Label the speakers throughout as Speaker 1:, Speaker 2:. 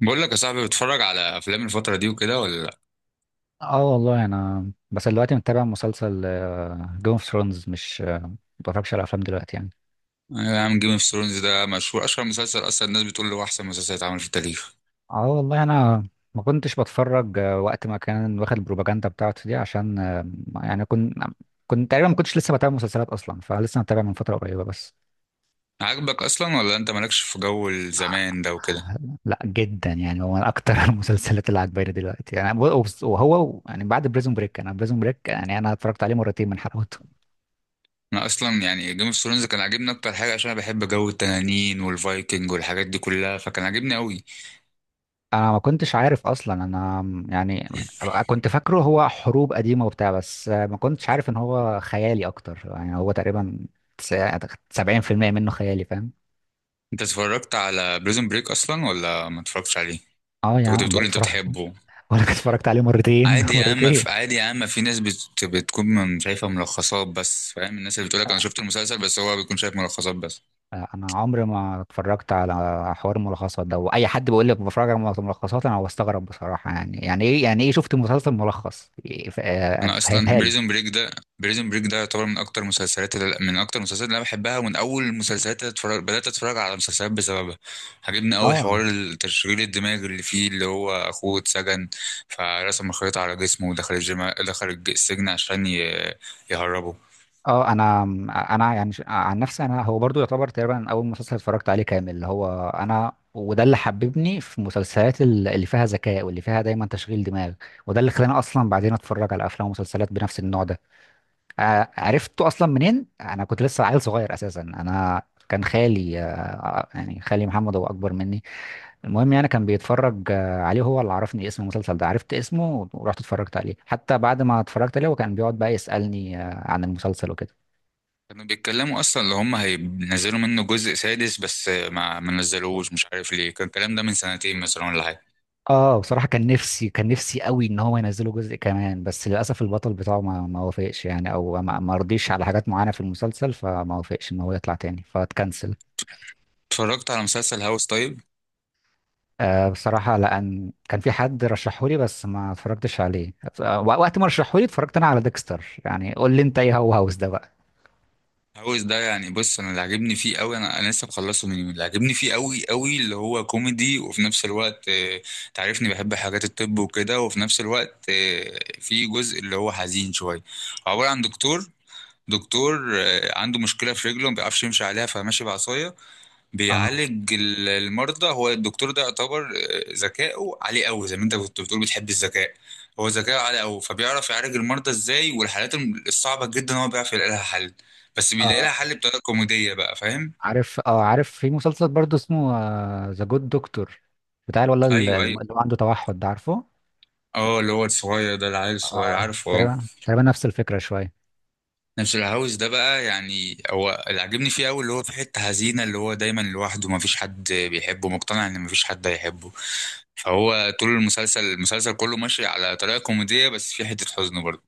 Speaker 1: بقول لك يا صاحبي، بتتفرج على افلام الفتره دي وكده ولا لا؟
Speaker 2: اه والله انا بس دلوقتي متابع مسلسل جيم اوف ثرونز. مش آه، ما بتفرجش على افلام دلوقتي يعني.
Speaker 1: يا عم، جيم اوف ثرونز ده مشهور، اشهر مسلسل اصلا. الناس بتقول له احسن مسلسل اتعمل في التاريخ.
Speaker 2: اه والله انا ما كنتش بتفرج وقت ما كان واخد البروباجندا بتاعته دي. عشان يعني كنت تقريبا ما كنتش لسه بتابع مسلسلات اصلا، فلسه متابع من فتره قريبه بس.
Speaker 1: عاجبك اصلا، ولا انت مالكش في جو
Speaker 2: آه،
Speaker 1: الزمان ده وكده؟
Speaker 2: لا، جدا يعني. هو من اكتر المسلسلات اللي عجباني دلوقتي يعني، وهو يعني بعد بريزون بريك. يعني انا اتفرجت عليه مرتين من حلقاته.
Speaker 1: انا اصلا يعني جيم اوف ثرونز كان عاجبني، اكتر حاجه عشان انا بحب جو التنانين والفايكنج والحاجات دي كلها، فكان عاجبني قوي.
Speaker 2: انا ما كنتش عارف اصلا. انا يعني كنت فاكره هو حروب قديمه وبتاع، بس ما كنتش عارف ان هو خيالي اكتر. يعني هو تقريبا تس- 70% منه خيالي. فاهم؟
Speaker 1: انت اتفرجت على بريزون بريك اصلا ولا ما اتفرجتش عليه؟
Speaker 2: اه يا
Speaker 1: انت كنت
Speaker 2: عم
Speaker 1: بتقول
Speaker 2: بقولك
Speaker 1: انت
Speaker 2: اتفرجت.
Speaker 1: بتحبه.
Speaker 2: بقولك اتفرجت عليه مرتين.
Speaker 1: عادي يا عم،
Speaker 2: مرتين.
Speaker 1: في... ناس شايفه ملخصات بس، فاهم؟ الناس اللي بتقول لك انا شفت المسلسل، بس هو بيكون شايف ملخصات بس.
Speaker 2: انا عمري ما اتفرجت على حوار الملخصات ده. واي حد بيقول لك بتفرج على ملخصات، انا بستغرب بصراحه. يعني يعني ايه؟ شفت مسلسل ملخص إيه، ف- آه،
Speaker 1: انا اصلا
Speaker 2: فهمها لي.
Speaker 1: بريزون بريك ده بريزون بريك ده يعتبر من اكتر المسلسلات اللي انا بحبها، ومن اول المسلسلات اللي بدات اتفرج على مسلسلات بسببها. عجبني قوي
Speaker 2: اه
Speaker 1: حوار التشغيل الدماغ اللي فيه، اللي هو اخوه اتسجن، فرسم الخريطه على جسمه ودخل السجن عشان يهربه.
Speaker 2: اه انا يعني عن نفسي، انا هو برضو يعتبر تقريبا اول مسلسل اتفرجت عليه كامل اللي هو انا. وده اللي حببني في المسلسلات اللي فيها ذكاء، واللي فيها دايما تشغيل دماغ. وده اللي خلاني اصلا بعدين اتفرج على افلام ومسلسلات بنفس النوع ده. عرفته اصلا منين؟ انا كنت لسه عيل صغير اساسا. انا كان خالي، يعني خالي محمد، هو اكبر مني. المهم يعني كان بيتفرج عليه، هو اللي عرفني اسم المسلسل ده. عرفت اسمه ورحت اتفرجت عليه. حتى بعد ما اتفرجت عليه، هو كان بيقعد بقى يسألني عن المسلسل وكده.
Speaker 1: كانوا بيتكلموا اصلا اللي هم هينزلوا منه جزء سادس، بس ما نزلوش، مش عارف ليه، كان الكلام ده من سنتين مثلا ولا حاجه.
Speaker 2: اه بصراحة كان نفسي، كان نفسي قوي ان هو ينزله جزء كمان، بس للاسف البطل بتاعه ما وافقش يعني، او ما رضيش على حاجات معينة في المسلسل، فما وافقش ان هو يطلع تاني فاتكنسل.
Speaker 1: اتفرجت على مسلسل هاوس طيب؟
Speaker 2: آه، بصراحة لان كان في حد رشحولي بس ما اتفرجتش عليه. وقت ما رشحولي اتفرجت انا على ديكستر. يعني قول لي انت، ايه هو هاوس ده بقى؟
Speaker 1: هاوس ده يعني، بص، انا اللي عاجبني فيه قوي، انا لسه مخلصه من يومين، اللي عاجبني فيه قوي قوي اللي هو كوميدي، وفي نفس الوقت تعرفني بحب حاجات الطب وكده، وفي نفس الوقت في جزء اللي هو حزين شويه. عباره عن دكتور عنده مشكله في رجله، ما بيعرفش يمشي عليها، فماشي بعصايه.
Speaker 2: اه
Speaker 1: بيعالج المرضى. هو الدكتور ده يعتبر ذكائه عالي قوي، زي ما انت كنت بتقول بتحب الذكاء. هو ذكائه عالي قوي، فبيعرف يعالج المرضى ازاي، والحالات الصعبة جدا هو بيعرف يلاقي لها حل. بس بيلاقي لها
Speaker 2: اه
Speaker 1: حل بطريقة كوميدية بقى، فاهم؟
Speaker 2: عارف. في مسلسل برضه اسمه ذا جود دكتور، بتاع الولد اللي
Speaker 1: ايوه،
Speaker 2: اللي
Speaker 1: ايوه.
Speaker 2: عنده توحد ده، عارفه؟
Speaker 1: اه، اللي هو الصغير ده، العيل الصغير،
Speaker 2: اه،
Speaker 1: عارفه، اه.
Speaker 2: تقريبا نفس الفكرة شوية.
Speaker 1: نفس الهاوس ده بقى، يعني هو اللي عاجبني فيه قوي اللي هو في حتة حزينة، اللي هو دايما لوحده، مفيش حد بيحبه، مقتنع ان مفيش حد هيحبه. فهو طول المسلسل كله ماشي على طريقة كوميدية، بس في حتة حزن برضه.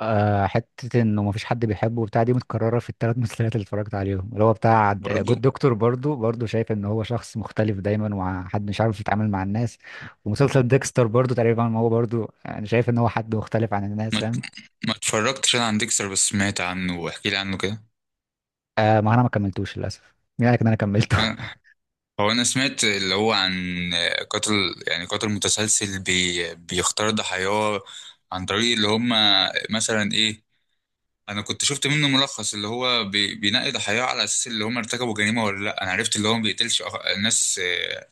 Speaker 2: حتة انه مفيش حد بيحبه وبتاع دي متكررة في الثلاث مسلسلات اللي اتفرجت عليهم. اللي هو بتاع
Speaker 1: برضو،
Speaker 2: جود دكتور برضو، برضو شايف ان هو شخص مختلف دايما وحد مش عارف يتعامل مع الناس. ومسلسل ديكستر برضو تقريبا، ما هو برضو انا شايف ان هو حد مختلف عن الناس،
Speaker 1: ما
Speaker 2: فاهم؟
Speaker 1: ما اتفرجتش انا عن ديكستر، بس سمعت عنه، واحكي لي عنه كده.
Speaker 2: ما انا ما كملتوش للاسف. مين قالك ان انا كملته؟
Speaker 1: أنا- هو انا سمعت اللي هو عن قاتل، يعني قاتل متسلسل بيختار ضحاياه عن طريق اللي هم، مثلا ايه، انا كنت شفت منه ملخص اللي هو بينقي ضحاياه على اساس اللي هم ارتكبوا جريمة ولا لا. انا عرفت اللي هو ما بيقتلش ناس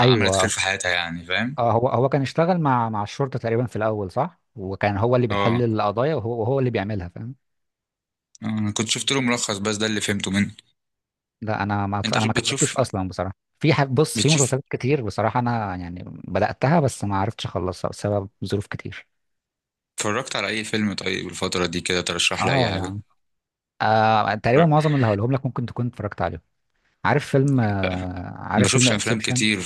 Speaker 1: عملت خير
Speaker 2: ايوه.
Speaker 1: في حياتها، يعني، فاهم؟
Speaker 2: اه، هو كان اشتغل مع الشرطة تقريبا في الاول صح، وكان هو اللي بيحل
Speaker 1: اه،
Speaker 2: القضايا وهو اللي بيعملها، فاهم؟
Speaker 1: انا كنت شفت له ملخص، بس ده اللي فهمته منه.
Speaker 2: لا، انا ما
Speaker 1: انت،
Speaker 2: انا ما
Speaker 1: شوف،
Speaker 2: كملتوش
Speaker 1: بتشوف
Speaker 2: اصلا بصراحه. في بص، في
Speaker 1: بتشوف
Speaker 2: مسلسلات كتير بصراحه انا يعني بداتها بس ما عرفتش اخلصها بسبب ظروف كتير.
Speaker 1: اتفرجت على اي فيلم طيب الفترة دي كده؟ ترشح لي اي
Speaker 2: اه
Speaker 1: حاجة.
Speaker 2: يعني. تقريبا معظم اللي هقولهم لك ممكن تكون اتفرجت عليهم.
Speaker 1: ما
Speaker 2: عارف فيلم
Speaker 1: بشوفش افلام
Speaker 2: انسبشن،
Speaker 1: كتير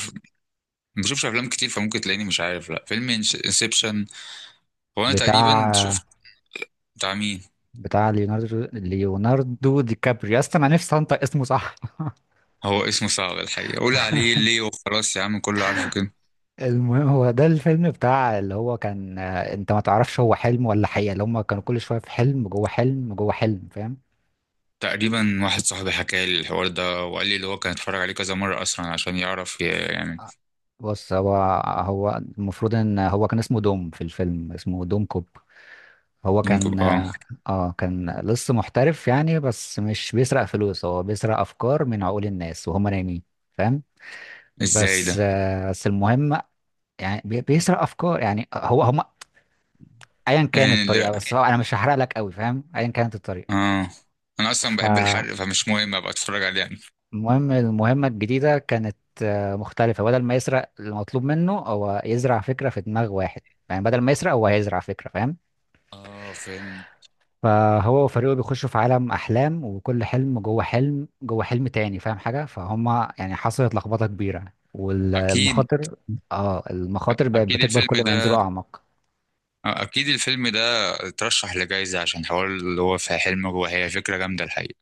Speaker 1: ما بشوفش افلام كتير، فممكن تلاقيني مش عارف. لا، فيلم انسبشن، هو انا تقريبا
Speaker 2: بتاع
Speaker 1: شفت. بتاع مين؟
Speaker 2: بتاع ليوناردو دي كابريو، يا اسطى انا نفسي انطق اسمه صح.
Speaker 1: هو اسمه صعب الحقيقه، قول عليه ليه وخلاص يا عم، كله عارفه كده.
Speaker 2: المهم، هو ده الفيلم بتاع، اللي هو كان انت ما تعرفش هو حلم ولا حقيقه، اللي هم كانوا كل شويه في حلم جوه حلم جوه حلم، فاهم؟
Speaker 1: تقريبا واحد صاحبي حكى لي الحوار ده، وقال لي اللي هو كان اتفرج عليه كذا مره اصلا عشان يعرف يعني.
Speaker 2: بص، هو المفروض ان هو كان اسمه دوم في الفيلم، اسمه دوم كوب. هو
Speaker 1: ممكن،
Speaker 2: كان،
Speaker 1: اه.
Speaker 2: اه، كان لص محترف يعني، بس مش بيسرق فلوس، هو بيسرق افكار من عقول الناس وهم نايمين، فاهم؟
Speaker 1: ازاي
Speaker 2: بس
Speaker 1: ده؟
Speaker 2: آه بس المهم، يعني بيسرق افكار. يعني هو، هم ايا كانت
Speaker 1: يعني ده،
Speaker 2: الطريقه، بس هو انا مش هحرق لك قوي فاهم، ايا كانت الطريقه.
Speaker 1: اه، انا اصلا بحب
Speaker 2: فالمهم
Speaker 1: الحرق، فمش مهم ابقى اتفرج عليه يعني.
Speaker 2: المهمه الجديده كانت مختلفه. بدل ما يسرق، المطلوب منه هو يزرع فكره في دماغ واحد. يعني بدل ما يسرق، هو هيزرع فكره، فاهم؟
Speaker 1: اه، فهمت.
Speaker 2: فهو وفريقه بيخشوا في عالم احلام، وكل حلم جوه حلم جوه حلم تاني، فاهم حاجه فهم؟ يعني حصلت لخبطه كبيره
Speaker 1: اكيد،
Speaker 2: والمخاطر، اه، المخاطر بقت
Speaker 1: اكيد
Speaker 2: بتكبر
Speaker 1: الفيلم
Speaker 2: كل ما ينزلوا اعمق.
Speaker 1: آه، اكيد الفيلم ده اترشح لجائزة، عشان حوار اللي هو في حلم جوه، هي فكرة جامدة الحقيقة.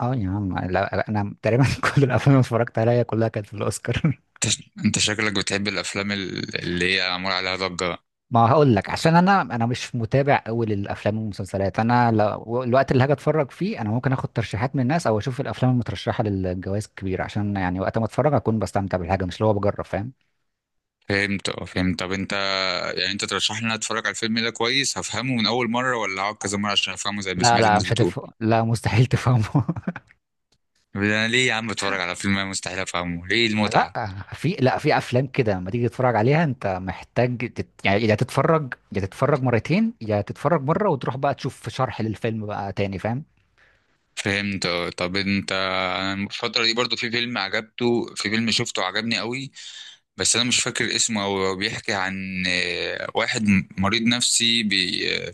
Speaker 2: اه يا عم، لا، انا تقريبا كل الافلام اللي اتفرجت عليها كلها كانت في الاوسكار.
Speaker 1: انت انت شكلك بتحب الافلام اللي هي معمول عليها ضجة.
Speaker 2: ما هقول لك، عشان انا مش متابع قوي للافلام والمسلسلات. انا لو الوقت اللي هاجي اتفرج فيه، انا ممكن اخد ترشيحات من الناس او اشوف الافلام المترشحه للجوائز الكبيره، عشان يعني وقت ما اتفرج اكون بستمتع بالحاجه، مش اللي هو بجرب، فاهم؟
Speaker 1: فهمت، اه، فهمت. طب انت، يعني انت ترشح لي ان أنا اتفرج على الفيلم ده؟ كويس، هفهمه من اول مرة ولا هقعد كذا مرة عشان افهمه زي ما
Speaker 2: لا
Speaker 1: سمعت
Speaker 2: لا،
Speaker 1: الناس
Speaker 2: مش
Speaker 1: بتقول؟
Speaker 2: هتفهم. لا، مستحيل تفهمه.
Speaker 1: طب انا ليه يا عم اتفرج على فيلم انا مستحيل افهمه؟ ليه
Speaker 2: لا
Speaker 1: المتعة؟
Speaker 2: لا في افلام كده لما تيجي تتفرج عليها انت محتاج يعني، يا تتفرج، يا تتفرج مرتين، يا تتفرج مره وتروح بقى تشوف شرح للفيلم بقى تاني، فاهم؟
Speaker 1: فهمت، اه. طب انا الفترة دي برضو، في فيلم شفته عجبني قوي، بس انا مش فاكر اسمه أوي. هو بيحكي عن واحد مريض نفسي بي آه،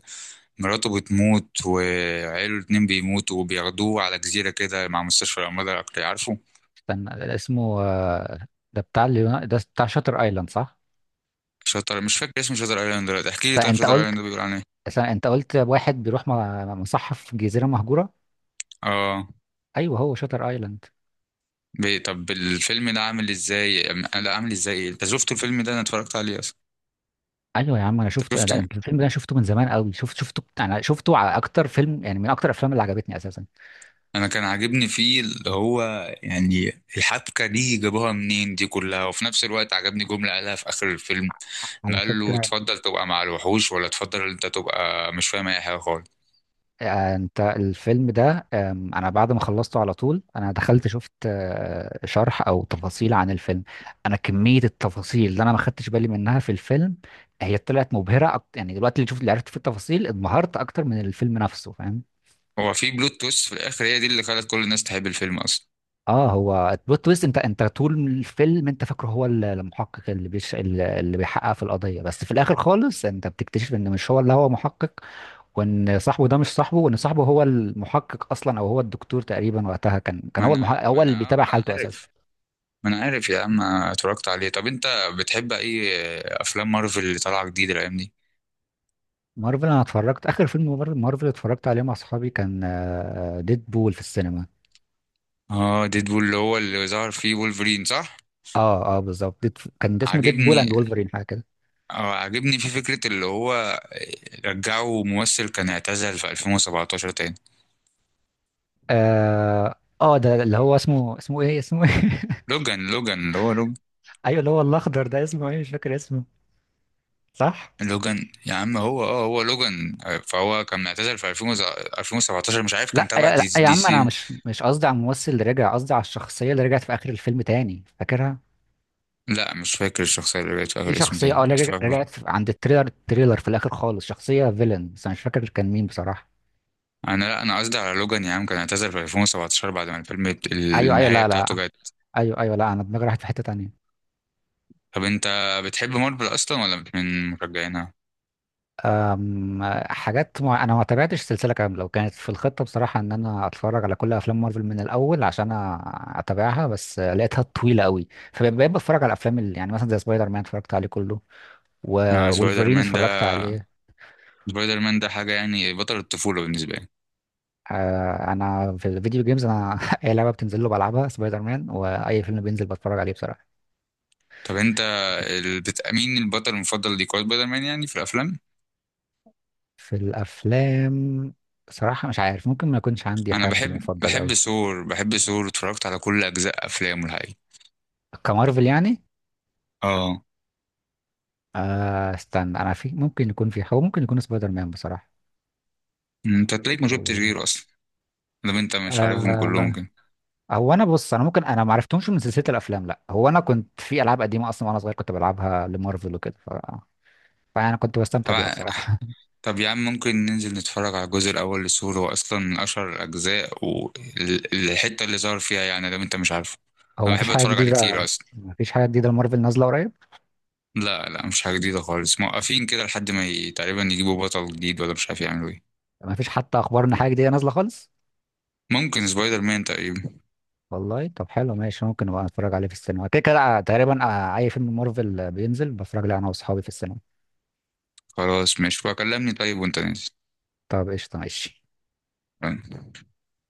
Speaker 1: مراته بتموت وعيله الاتنين بيموتوا، وبياخدوه على جزيرة كده مع مستشفى الأمراض العقلية، عارفه؟
Speaker 2: استنى اسمه، ده بتاع شاتر ايلاند صح؟
Speaker 1: مش فاكر اسمه شاتر ايلاند دلوقتي، احكي
Speaker 2: بس
Speaker 1: لي طيب،
Speaker 2: انت
Speaker 1: شاتر
Speaker 2: قلت
Speaker 1: ايلاند ده بيقول عن ايه؟
Speaker 2: بس انت قلت واحد بيروح مصحف جزيره مهجوره.
Speaker 1: اه.
Speaker 2: ايوه، هو شاتر ايلاند.
Speaker 1: طب الفيلم ده عامل ازاي لا، عامل ازاي إيه؟ انت شفته الفيلم ده؟ انا اتفرجت عليه اصلا.
Speaker 2: ايوه يا عم انا
Speaker 1: انت
Speaker 2: شفته، ده
Speaker 1: شفته؟
Speaker 2: الفيلم ده انا شفته من زمان قوي. شفته على اكتر فيلم يعني من اكتر الافلام اللي عجبتني اساسا.
Speaker 1: انا كان عاجبني فيه اللي هو، يعني، الحبكه دي جابوها منين دي كلها، وفي نفس الوقت عجبني جمله قالها في اخر الفيلم، إن
Speaker 2: على
Speaker 1: قال له
Speaker 2: فكرة،
Speaker 1: تفضل تبقى مع الوحوش ولا تفضل انت تبقى مش فاهم اي حاجه خالص.
Speaker 2: انت الفيلم ده، انا بعد ما خلصته على طول انا دخلت شفت شرح او تفاصيل عن الفيلم. انا كمية التفاصيل اللي انا ما خدتش بالي منها في الفيلم، هي طلعت مبهرة أكتر يعني. دلوقتي اللي شفت، اللي عرفت في التفاصيل، انبهرت اكتر من الفيلم نفسه، فاهم؟
Speaker 1: هو في بلوت تويست في الاخر، هي دي اللي خلت كل الناس تحب الفيلم اصلا.
Speaker 2: اه، هو البلوت تويست. انت طول الفيلم، انت فاكره هو ال- المحقق اللي بيش اللي اللي بيحقق في القضيه. بس في الاخر خالص انت بتكتشف ان مش هو اللي هو محقق، وان صاحبه ده مش صاحبه، وان صاحبه هو المحقق اصلا، او هو الدكتور تقريبا. وقتها كان هو المحقق، هو اللي بيتابع
Speaker 1: ما انا
Speaker 2: حالته اساسا.
Speaker 1: عارف، يا عم اتفرجت عليه. طب انت بتحب اي افلام مارفل اللي طالعه جديد الايام دي؟
Speaker 2: مارفل، انا اتفرجت اخر فيلم مارفل اتفرجت عليه مع اصحابي، كان ديد بول في السينما.
Speaker 1: اه، ديدبول اللي هو اللي ظهر فيه وولفرين، صح؟
Speaker 2: اه بالظبط، كان ده اسمه ديد بول
Speaker 1: عاجبني،
Speaker 2: اند وولفرين حاجه كده.
Speaker 1: اه عاجبني في فكرة اللي هو رجعوا ممثل كان اعتزل في 2017 تاني.
Speaker 2: اه اه ده اللي هو اسمه، اسمه ايه اسمه ايه؟
Speaker 1: لوجان، لوجان، اللي هو لوجان.
Speaker 2: ايوه اللي هو الاخضر ده اسمه ايه، مش فاكر اسمه صح.
Speaker 1: لوجان يا عم، هو لوجان. فهو كان اعتزل في 2000، 2017، مش عارف، كان تبع
Speaker 2: لا يا
Speaker 1: دي
Speaker 2: عم، انا
Speaker 1: سي.
Speaker 2: مش قصدي على الممثل اللي رجع، قصدي على الشخصيه اللي رجعت في اخر الفيلم تاني، فاكرها؟
Speaker 1: لا، مش فاكر الشخصية اللي جت في
Speaker 2: في
Speaker 1: آخر، اسم
Speaker 2: شخصيه،
Speaker 1: تاني
Speaker 2: اللي رجعت عند التريلر في الاخر خالص، شخصيه فيلن، بس انا مش فاكر كان مين بصراحه.
Speaker 1: أنا، لا، أنا قصدي على لوجان يا عم، كان اعتزل في 2017 بعد ما الفيلم
Speaker 2: ايوه ايوه،
Speaker 1: النهاية
Speaker 2: لا
Speaker 1: بتاعته
Speaker 2: لا.
Speaker 1: جت.
Speaker 2: ايوه ايوه، لا، انا دماغي راحت في حته تانيه.
Speaker 1: طب أنت بتحب مارفل أصلا ولا من مشجعينها؟
Speaker 2: حاجات انا ما تابعتش السلسله كامله. وكانت في الخطه بصراحه ان انا اتفرج على كل افلام مارفل من الاول عشان أ- اتابعها، بس لقيتها طويله قوي، فبقيت بتفرج على الافلام اللي يعني مثلا زي سبايدر مان اتفرجت عليه كله،
Speaker 1: آه سبايدر
Speaker 2: وولفرين
Speaker 1: مان ده
Speaker 2: اتفرجت عليه.
Speaker 1: سبايدر مان ده حاجة يعني، بطل الطفولة بالنسبة لي.
Speaker 2: انا في الفيديو جيمز انا اي لعبه بتنزل له بلعبها سبايدر مان، واي فيلم بينزل بتفرج عليه بصراحه.
Speaker 1: طب انت مين البطل المفضل ليك؟ هو سبايدر مان يعني في الافلام.
Speaker 2: في الافلام، بصراحه مش عارف، ممكن ما يكونش عندي
Speaker 1: انا
Speaker 2: حد
Speaker 1: بحب
Speaker 2: مفضل قوي.
Speaker 1: بحب ثور بحب ثور، اتفرجت على كل اجزاء افلامه الحقيقه.
Speaker 2: كمارفل يعني.
Speaker 1: اه.
Speaker 2: استنى، انا في، ممكن يكون في، هو ممكن يكون سبايدر مان بصراحه.
Speaker 1: انت تلاقيك ما شفتش
Speaker 2: أو-
Speaker 1: غيره اصلا، لو انت مش عارفهم
Speaker 2: آه
Speaker 1: كلهم كده.
Speaker 2: هو انا، بص، انا ممكن، انا ما عرفتهمش من سلسله الافلام، لا. هو انا كنت في العاب قديمه اصلا وانا صغير كنت بلعبها لمارفل وكده، فانا كنت بستمتع
Speaker 1: طب
Speaker 2: بيها بصراحه.
Speaker 1: طب يا عم، ممكن ننزل نتفرج على الجزء الاول لثور، هو اصلا من اشهر الاجزاء والحته اللي ظهر فيها، يعني لو انت مش عارفه،
Speaker 2: هو
Speaker 1: انا بحب اتفرج عليه كتير اصلا.
Speaker 2: مفيش حاجة جديدة لمارفل نازلة قريب.
Speaker 1: لا لا، مش حاجه جديده خالص، موقفين كده لحد ما تقريبا يجيبوا بطل جديد، ولا مش عارف يعملوا ايه.
Speaker 2: مفيش حتى أخبار إن حاجة جديدة نازلة خالص.
Speaker 1: ممكن سبايدر مان تقريبا.
Speaker 2: والله، طب حلو ماشي. ممكن أبقى أتفرج عليه في السينما، كده كده تقريبا أي فيلم مارفل بينزل بتفرج عليه أنا وأصحابي في السينما.
Speaker 1: خلاص، ماشي بقى، كلمني طيب وانت نازل.
Speaker 2: طب قشطة ماشي.
Speaker 1: تمام.